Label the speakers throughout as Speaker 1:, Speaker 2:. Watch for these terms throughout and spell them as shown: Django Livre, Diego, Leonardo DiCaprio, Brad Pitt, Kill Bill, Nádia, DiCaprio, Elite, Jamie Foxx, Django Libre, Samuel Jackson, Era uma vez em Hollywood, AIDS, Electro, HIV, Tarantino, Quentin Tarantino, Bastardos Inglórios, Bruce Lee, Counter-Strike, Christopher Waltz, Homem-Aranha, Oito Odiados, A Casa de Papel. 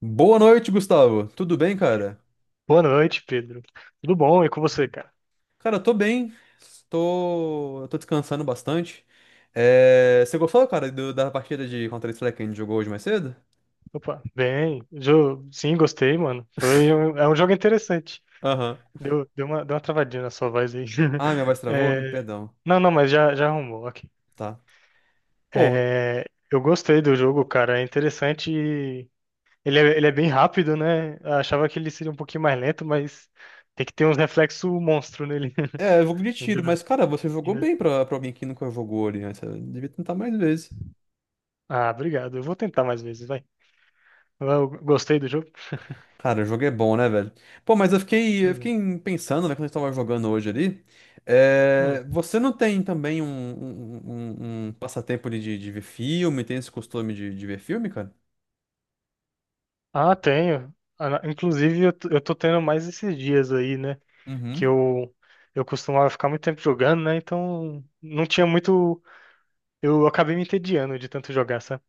Speaker 1: Boa noite, Gustavo. Tudo bem, cara?
Speaker 2: Boa noite, Pedro. Tudo bom? E com você, cara?
Speaker 1: Cara, eu tô bem. Tô descansando bastante. Você gostou, cara, da partida de Counter-Strike que a gente jogou hoje mais cedo?
Speaker 2: Opa, bem. Sim, gostei, mano. Foi É um jogo interessante.
Speaker 1: Aham.
Speaker 2: Deu uma travadinha na sua voz aí.
Speaker 1: Ah, minha voz travou?
Speaker 2: É,
Speaker 1: Perdão.
Speaker 2: Não, não, mas já arrumou, ok.
Speaker 1: Tá. Pô,
Speaker 2: É, Eu gostei do jogo, cara. É interessante. Ele é bem rápido, né? Eu achava que ele seria um pouquinho mais lento, mas tem que ter uns reflexos monstro nele.
Speaker 1: é jogo de tiro,
Speaker 2: Ainda,
Speaker 1: mas, cara, você jogou
Speaker 2: ainda...
Speaker 1: bem pra alguém que nunca jogou ali, né? Você devia tentar mais vezes.
Speaker 2: Ah, obrigado. Eu vou tentar mais vezes, vai. Eu gostei do jogo.
Speaker 1: Cara, o jogo é bom, né, velho? Pô, mas eu
Speaker 2: Beleza.
Speaker 1: fiquei pensando, né, quando a gente tava jogando hoje ali.
Speaker 2: Hum.
Speaker 1: Você não tem também um passatempo de, de ver filme? Tem esse costume de ver filme, cara?
Speaker 2: Ah, tenho. Inclusive, eu tô tendo mais esses dias aí, né? Que
Speaker 1: Uhum.
Speaker 2: eu, eu costumava ficar muito tempo jogando, né? Então, não tinha muito. Eu acabei me entediando de tanto jogar, sabe?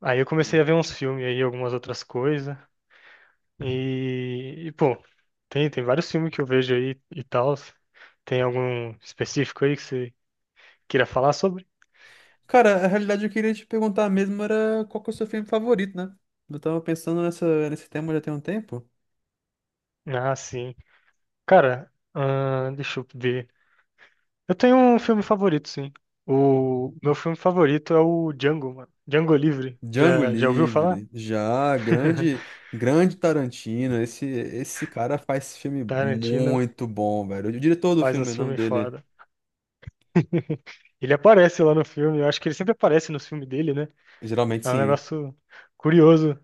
Speaker 2: Aí eu comecei
Speaker 1: Sim.
Speaker 2: a ver uns filmes aí, algumas outras coisas. E, e, pô, tem vários filmes que eu vejo aí e tal. Tem algum específico aí que você queira falar sobre?
Speaker 1: Cara, a realidade, eu queria te perguntar mesmo era qual que é o seu filme favorito, né? Eu tava pensando nesse tema já tem um tempo.
Speaker 2: Ah, sim. Cara, deixa eu ver. Eu tenho um filme favorito, sim. O meu filme favorito é o Django, mano. Django Livre.
Speaker 1: Django
Speaker 2: Já ouviu falar?
Speaker 1: Livre, já, grande Tarantino. Esse cara faz filme
Speaker 2: Tarantino
Speaker 1: muito bom, velho. O diretor do
Speaker 2: faz
Speaker 1: filme, o
Speaker 2: uns
Speaker 1: nome
Speaker 2: filmes
Speaker 1: dele.
Speaker 2: foda. Ele aparece lá no filme, eu acho que ele sempre aparece nos filmes dele, né?
Speaker 1: Geralmente
Speaker 2: É um
Speaker 1: sim.
Speaker 2: negócio curioso.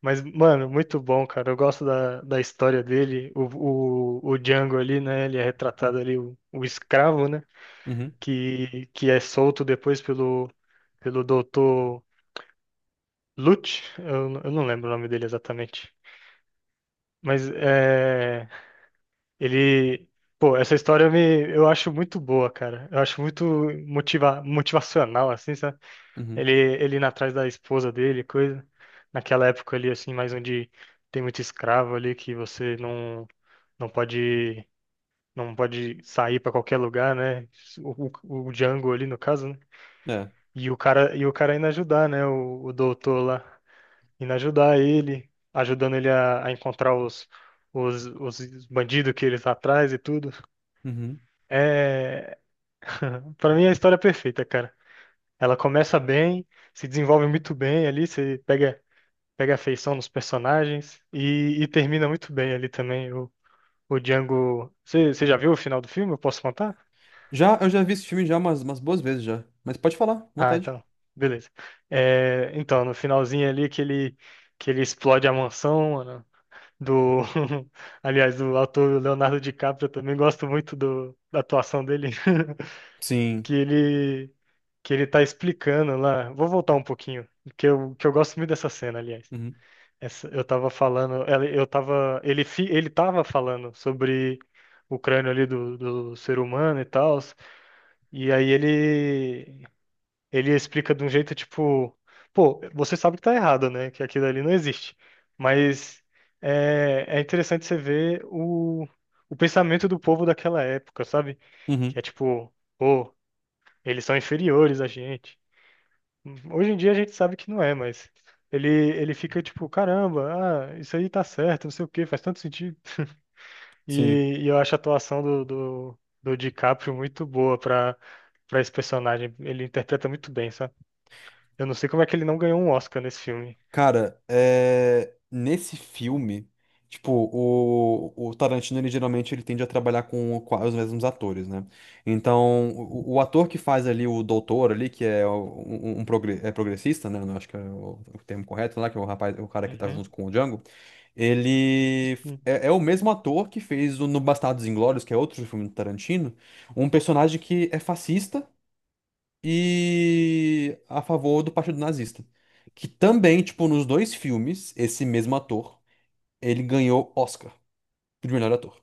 Speaker 2: Mas, mano, muito bom, cara. Eu gosto da história dele. O Django ali, né? Ele é retratado ali, o escravo, né?
Speaker 1: Uhum,
Speaker 2: Que é solto depois pelo doutor. Lute, eu não lembro o nome dele exatamente. Mas é, ele. Pô, essa história eu acho muito boa, cara. Eu acho muito motivacional, assim, sabe?
Speaker 1: uhum,
Speaker 2: Ele, ele indo atrás da esposa dele, coisa. Naquela época ali, assim, mais onde tem muito escravo ali, que você não, não pode, não pode sair pra qualquer lugar, né? O Django ali, no caso, né?
Speaker 1: é.
Speaker 2: E o cara indo ajudar, né? O doutor lá. Indo ajudar ele, ajudando ele a encontrar os bandidos que eles tá atrás e tudo.
Speaker 1: Uhum.
Speaker 2: É, para mim a história é perfeita, cara. Ela começa bem, se desenvolve muito bem ali, você pega afeição nos personagens e termina muito bem ali também. O Django, você já viu o final do filme? Eu posso contar?
Speaker 1: Já, eu já vi esse filme já umas boas vezes já. Mas pode falar, à
Speaker 2: Ah,
Speaker 1: vontade.
Speaker 2: então, beleza. É, então, no finalzinho ali que ele explode a mansão, do, aliás, do ator Leonardo DiCaprio, eu também gosto muito do, da atuação dele,
Speaker 1: Sim.
Speaker 2: que ele que ele tá explicando lá. Vou voltar um pouquinho, que eu gosto muito dessa cena, aliás.
Speaker 1: Uhum,
Speaker 2: Essa, eu tava falando, ela- eu tava, ele fi- ele tava falando sobre o crânio ali do, do ser humano e tal, e aí ele ele explica de um jeito tipo, pô, você sabe que tá errado, né? Que aquilo ali não existe. Mas é, é interessante você ver o pensamento do povo daquela época, sabe? Que
Speaker 1: uhum,
Speaker 2: é tipo, pô, eles são inferiores a gente. Hoje em dia a gente sabe que não é, mas ele fica tipo, caramba, ah, isso aí tá certo, não sei o quê, faz tanto sentido.
Speaker 1: sim.
Speaker 2: E eu acho a atuação do DiCaprio muito boa pra para esse personagem. Ele interpreta muito bem, sabe? Eu não sei como é que ele não ganhou um Oscar nesse filme.
Speaker 1: Cara, é... Nesse filme, tipo, o Tarantino, ele geralmente ele tende a trabalhar com os mesmos atores, né? Então, o ator que faz ali o doutor ali, que é um é progressista, né? Não acho que é o termo correto lá, que é o rapaz, o cara que tá junto
Speaker 2: Uhum.
Speaker 1: com o Django,
Speaker 2: Hum.
Speaker 1: é, é o mesmo ator que fez o No Bastardos Inglórios, que é outro filme do Tarantino, um personagem que é fascista, e a favor do Partido Nazista. Que também, tipo, nos dois filmes, esse mesmo ator, ele ganhou Oscar de melhor ator.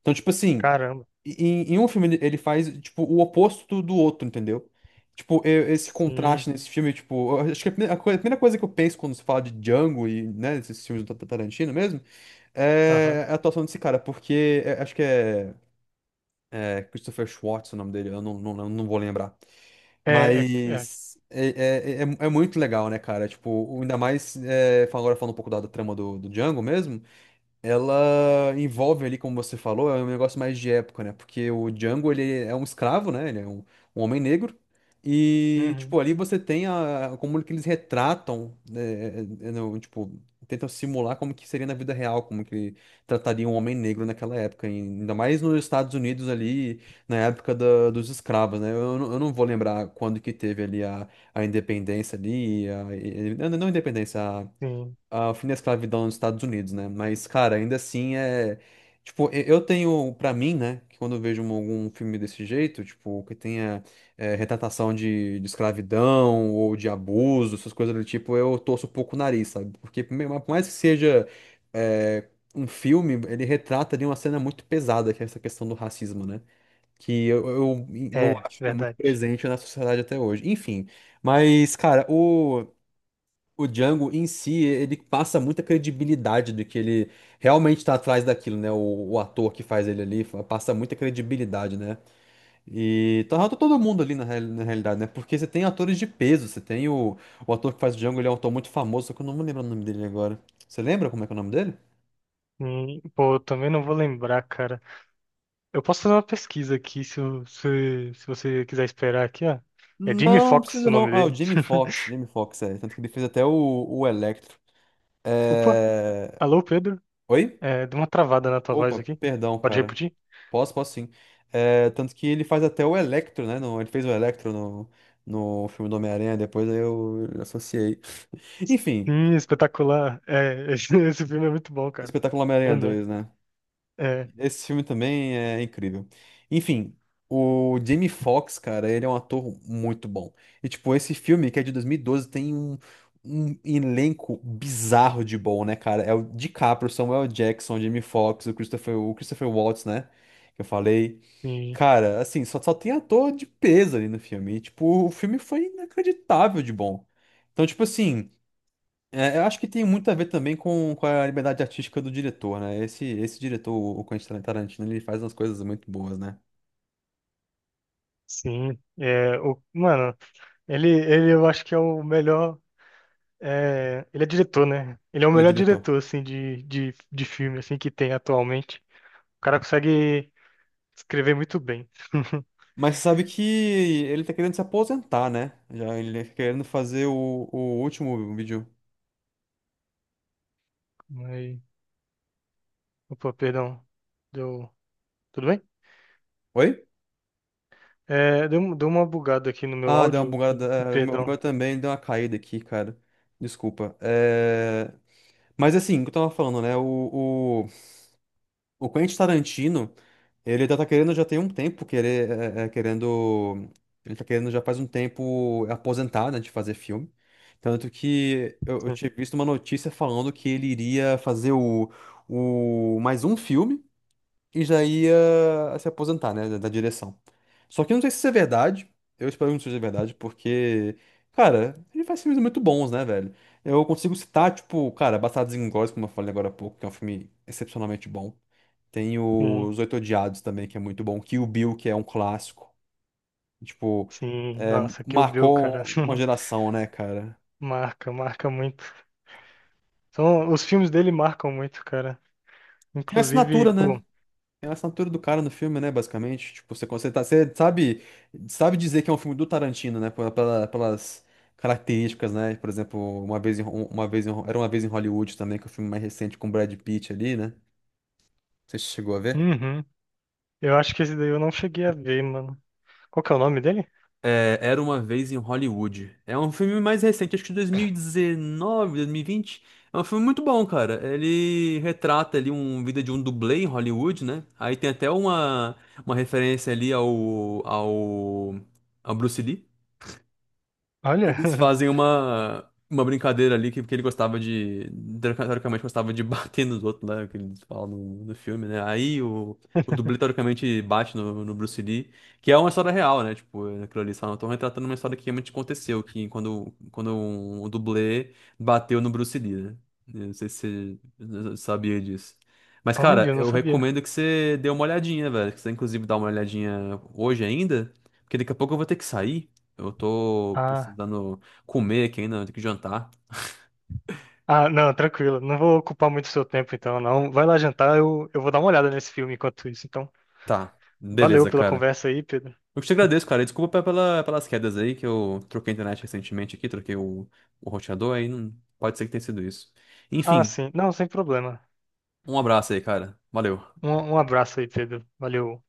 Speaker 1: Então, tipo assim,
Speaker 2: Caramba.
Speaker 1: em um filme ele faz, tipo, o oposto do outro, entendeu? Tipo, esse
Speaker 2: Sim.
Speaker 1: contraste nesse filme, tipo, eu acho que a primeira coisa que eu penso quando se fala de Django e, né, esses filmes do Tarantino mesmo,
Speaker 2: Aham.
Speaker 1: é é a atuação desse cara, porque acho que é Christopher Schwartz o nome dele, eu não vou lembrar.
Speaker 2: É.
Speaker 1: Mas é muito legal, né, cara? Tipo, ainda mais agora falando um pouco da trama do Django mesmo. Ela envolve ali, como você falou, é um negócio mais de época, né? Porque o Django, ele é um escravo, né? Ele é um, um homem negro. E, tipo,
Speaker 2: Uhum.
Speaker 1: ali você tem a, como que eles retratam, né, tipo, tentam simular como que seria na vida real, como que trataria um homem negro naquela época, e ainda mais nos Estados Unidos ali, na época dos escravos, né? Eu, eu não vou lembrar quando que teve ali a independência ali, a, não, não independência,
Speaker 2: Sim.
Speaker 1: ao fim da escravidão nos Estados Unidos, né? Mas, cara, ainda assim é. Tipo, eu tenho pra mim, né, que quando eu vejo algum filme desse jeito, tipo, que tenha é, retratação de escravidão ou de abuso, essas coisas do tipo, eu torço um pouco o nariz, sabe? Porque, por mais que seja é, um filme, ele retrata ali uma cena muito pesada, que é essa questão do racismo, né? Que eu
Speaker 2: É,
Speaker 1: acho que é muito
Speaker 2: verdade.
Speaker 1: presente na sociedade até hoje. Enfim, mas, cara, o. O Django em si, ele passa muita credibilidade do que ele realmente está atrás daquilo, né? O ator que faz ele ali passa muita credibilidade, né? E tá todo mundo ali na, na realidade, né? Porque você tem atores de peso, você tem o ator que faz o Django, ele é um ator muito famoso, só que eu não me lembro o nome dele agora. Você lembra como é que é o nome dele?
Speaker 2: Pô, eu também não vou lembrar, cara. Eu posso fazer uma pesquisa aqui, se, se você quiser esperar aqui, ó. É Jamie
Speaker 1: Não,
Speaker 2: Foxx
Speaker 1: precisa
Speaker 2: o
Speaker 1: não.
Speaker 2: nome
Speaker 1: Ah, o
Speaker 2: dele.
Speaker 1: Jamie Foxx, Jamie Foxx, é. Tanto que ele fez até o Electro.
Speaker 2: Opa,
Speaker 1: É...
Speaker 2: alô, Pedro?
Speaker 1: Oi?
Speaker 2: É, deu uma travada na tua voz
Speaker 1: Opa,
Speaker 2: aqui.
Speaker 1: perdão,
Speaker 2: Pode
Speaker 1: cara.
Speaker 2: repetir?
Speaker 1: Posso, posso sim. É, tanto que ele faz até o Electro, né? Ele fez o Electro no filme do Homem-Aranha, depois aí eu associei. Enfim,
Speaker 2: Sim, espetacular. É, esse filme é muito bom, cara.
Speaker 1: Espetáculo Homem-Aranha
Speaker 2: Também.
Speaker 1: dois, né?
Speaker 2: É,
Speaker 1: Esse filme também é incrível. Enfim, o Jamie Foxx, cara, ele é um ator muito bom. E, tipo, esse filme, que é de 2012, tem um, um elenco bizarro de bom, né, cara? É o DiCaprio, Samuel Jackson, Jamie Foxx, o Christopher Waltz, né? Que eu falei.
Speaker 2: sim,
Speaker 1: Cara, assim, só tem ator de peso ali no filme. E, tipo, o filme foi inacreditável de bom. Então, tipo assim, é, eu acho que tem muito a ver também com a liberdade artística do diretor, né? Esse diretor, o Quentin Tarantino, ele faz umas coisas muito boas, né?
Speaker 2: sim. É, o, mano. Ele eu acho que é o melhor. É, ele é diretor, né? Ele é o
Speaker 1: Ele é
Speaker 2: melhor
Speaker 1: diretor.
Speaker 2: diretor, assim, de filme, assim, que tem atualmente. O cara consegue escrever muito bem.
Speaker 1: Mas você sabe que ele tá querendo se aposentar, né? Já ele tá querendo fazer o último vídeo.
Speaker 2: Mas, opa, perdão. Deu. Tudo bem?
Speaker 1: Oi?
Speaker 2: É, deu uma bugada aqui no meu
Speaker 1: Ah, deu uma
Speaker 2: áudio.
Speaker 1: bugada. É, O meu
Speaker 2: Perdão.
Speaker 1: também deu uma caída aqui, cara. Desculpa. É... Mas assim, o que eu tava falando, né? O Quentin Tarantino, ele já tá querendo já tem um tempo, querer, querendo, ele tá querendo já faz um tempo aposentar, né, de fazer filme. Tanto que eu
Speaker 2: Sim,
Speaker 1: tinha visto uma notícia falando que ele iria fazer o mais um filme e já ia se aposentar, né, da direção. Só que eu não sei se isso é verdade, eu espero que não seja verdade, porque, cara, ele faz filmes muito bons, né, velho? Eu consigo citar, tipo, cara, Bastardos Inglórios, como eu falei agora há pouco, que é um filme excepcionalmente bom. Tem
Speaker 2: sim.
Speaker 1: os Oito Odiados também, que é muito bom. Kill Bill, que é um clássico. Tipo,
Speaker 2: Sim.
Speaker 1: é,
Speaker 2: Nossa, Kill Bill, cara.
Speaker 1: marcou uma geração, né, cara?
Speaker 2: Marca muito. São, os filmes dele marcam muito, cara.
Speaker 1: Tem a
Speaker 2: Inclusive,
Speaker 1: assinatura,
Speaker 2: pô.
Speaker 1: né? Tem a assinatura do cara no filme, né, basicamente. Tipo, você sabe, sabe dizer que é um filme do Tarantino, né? Pelas características, né? Por exemplo, uma vez em, Ho- uma vez em Ho- era uma vez em Hollywood também, que é o filme mais recente com o Brad Pitt ali, né? Você chegou a ver?
Speaker 2: Uhum. Eu acho que esse daí eu não cheguei a ver, mano. Qual que é o nome dele?
Speaker 1: É, Era uma vez em Hollywood. É um filme mais recente, acho que 2019, 2020. É um filme muito bom, cara. Ele retrata ali um vida de um dublê em Hollywood, né? Aí tem até uma referência ali ao Bruce Lee.
Speaker 2: Olha,
Speaker 1: Eles fazem uma brincadeira ali que ele gostava de. Teoricamente gostava de bater nos outros, né? Que eles falam no filme, né? Aí o dublê teoricamente bate no Bruce Lee, que é uma história real, né? Tipo, aquilo ali só não estão retratando uma história que realmente aconteceu, que quando um dublê bateu no Bruce Lee, né? Eu não sei se você sabia disso. Mas,
Speaker 2: olha,
Speaker 1: cara,
Speaker 2: eu não
Speaker 1: eu
Speaker 2: sabia.
Speaker 1: recomendo que você dê uma olhadinha, velho. Que você, inclusive, dá uma olhadinha hoje ainda, porque daqui a pouco eu vou ter que sair. Eu tô
Speaker 2: Ah,
Speaker 1: precisando comer aqui ainda, eu tenho que jantar.
Speaker 2: ah, não, tranquilo. Não vou ocupar muito seu tempo então, não. Vai lá jantar, eu vou dar uma olhada nesse filme enquanto isso. Então,
Speaker 1: Tá,
Speaker 2: valeu
Speaker 1: beleza,
Speaker 2: pela
Speaker 1: cara.
Speaker 2: conversa aí, Pedro.
Speaker 1: Eu te agradeço, cara. E Desculpa pelas quedas aí, que eu troquei a internet recentemente aqui, troquei o roteador aí. Não, pode ser que tenha sido isso.
Speaker 2: Ah,
Speaker 1: Enfim,
Speaker 2: sim. Não, sem problema.
Speaker 1: um abraço aí, cara. Valeu.
Speaker 2: Um abraço aí, Pedro. Valeu.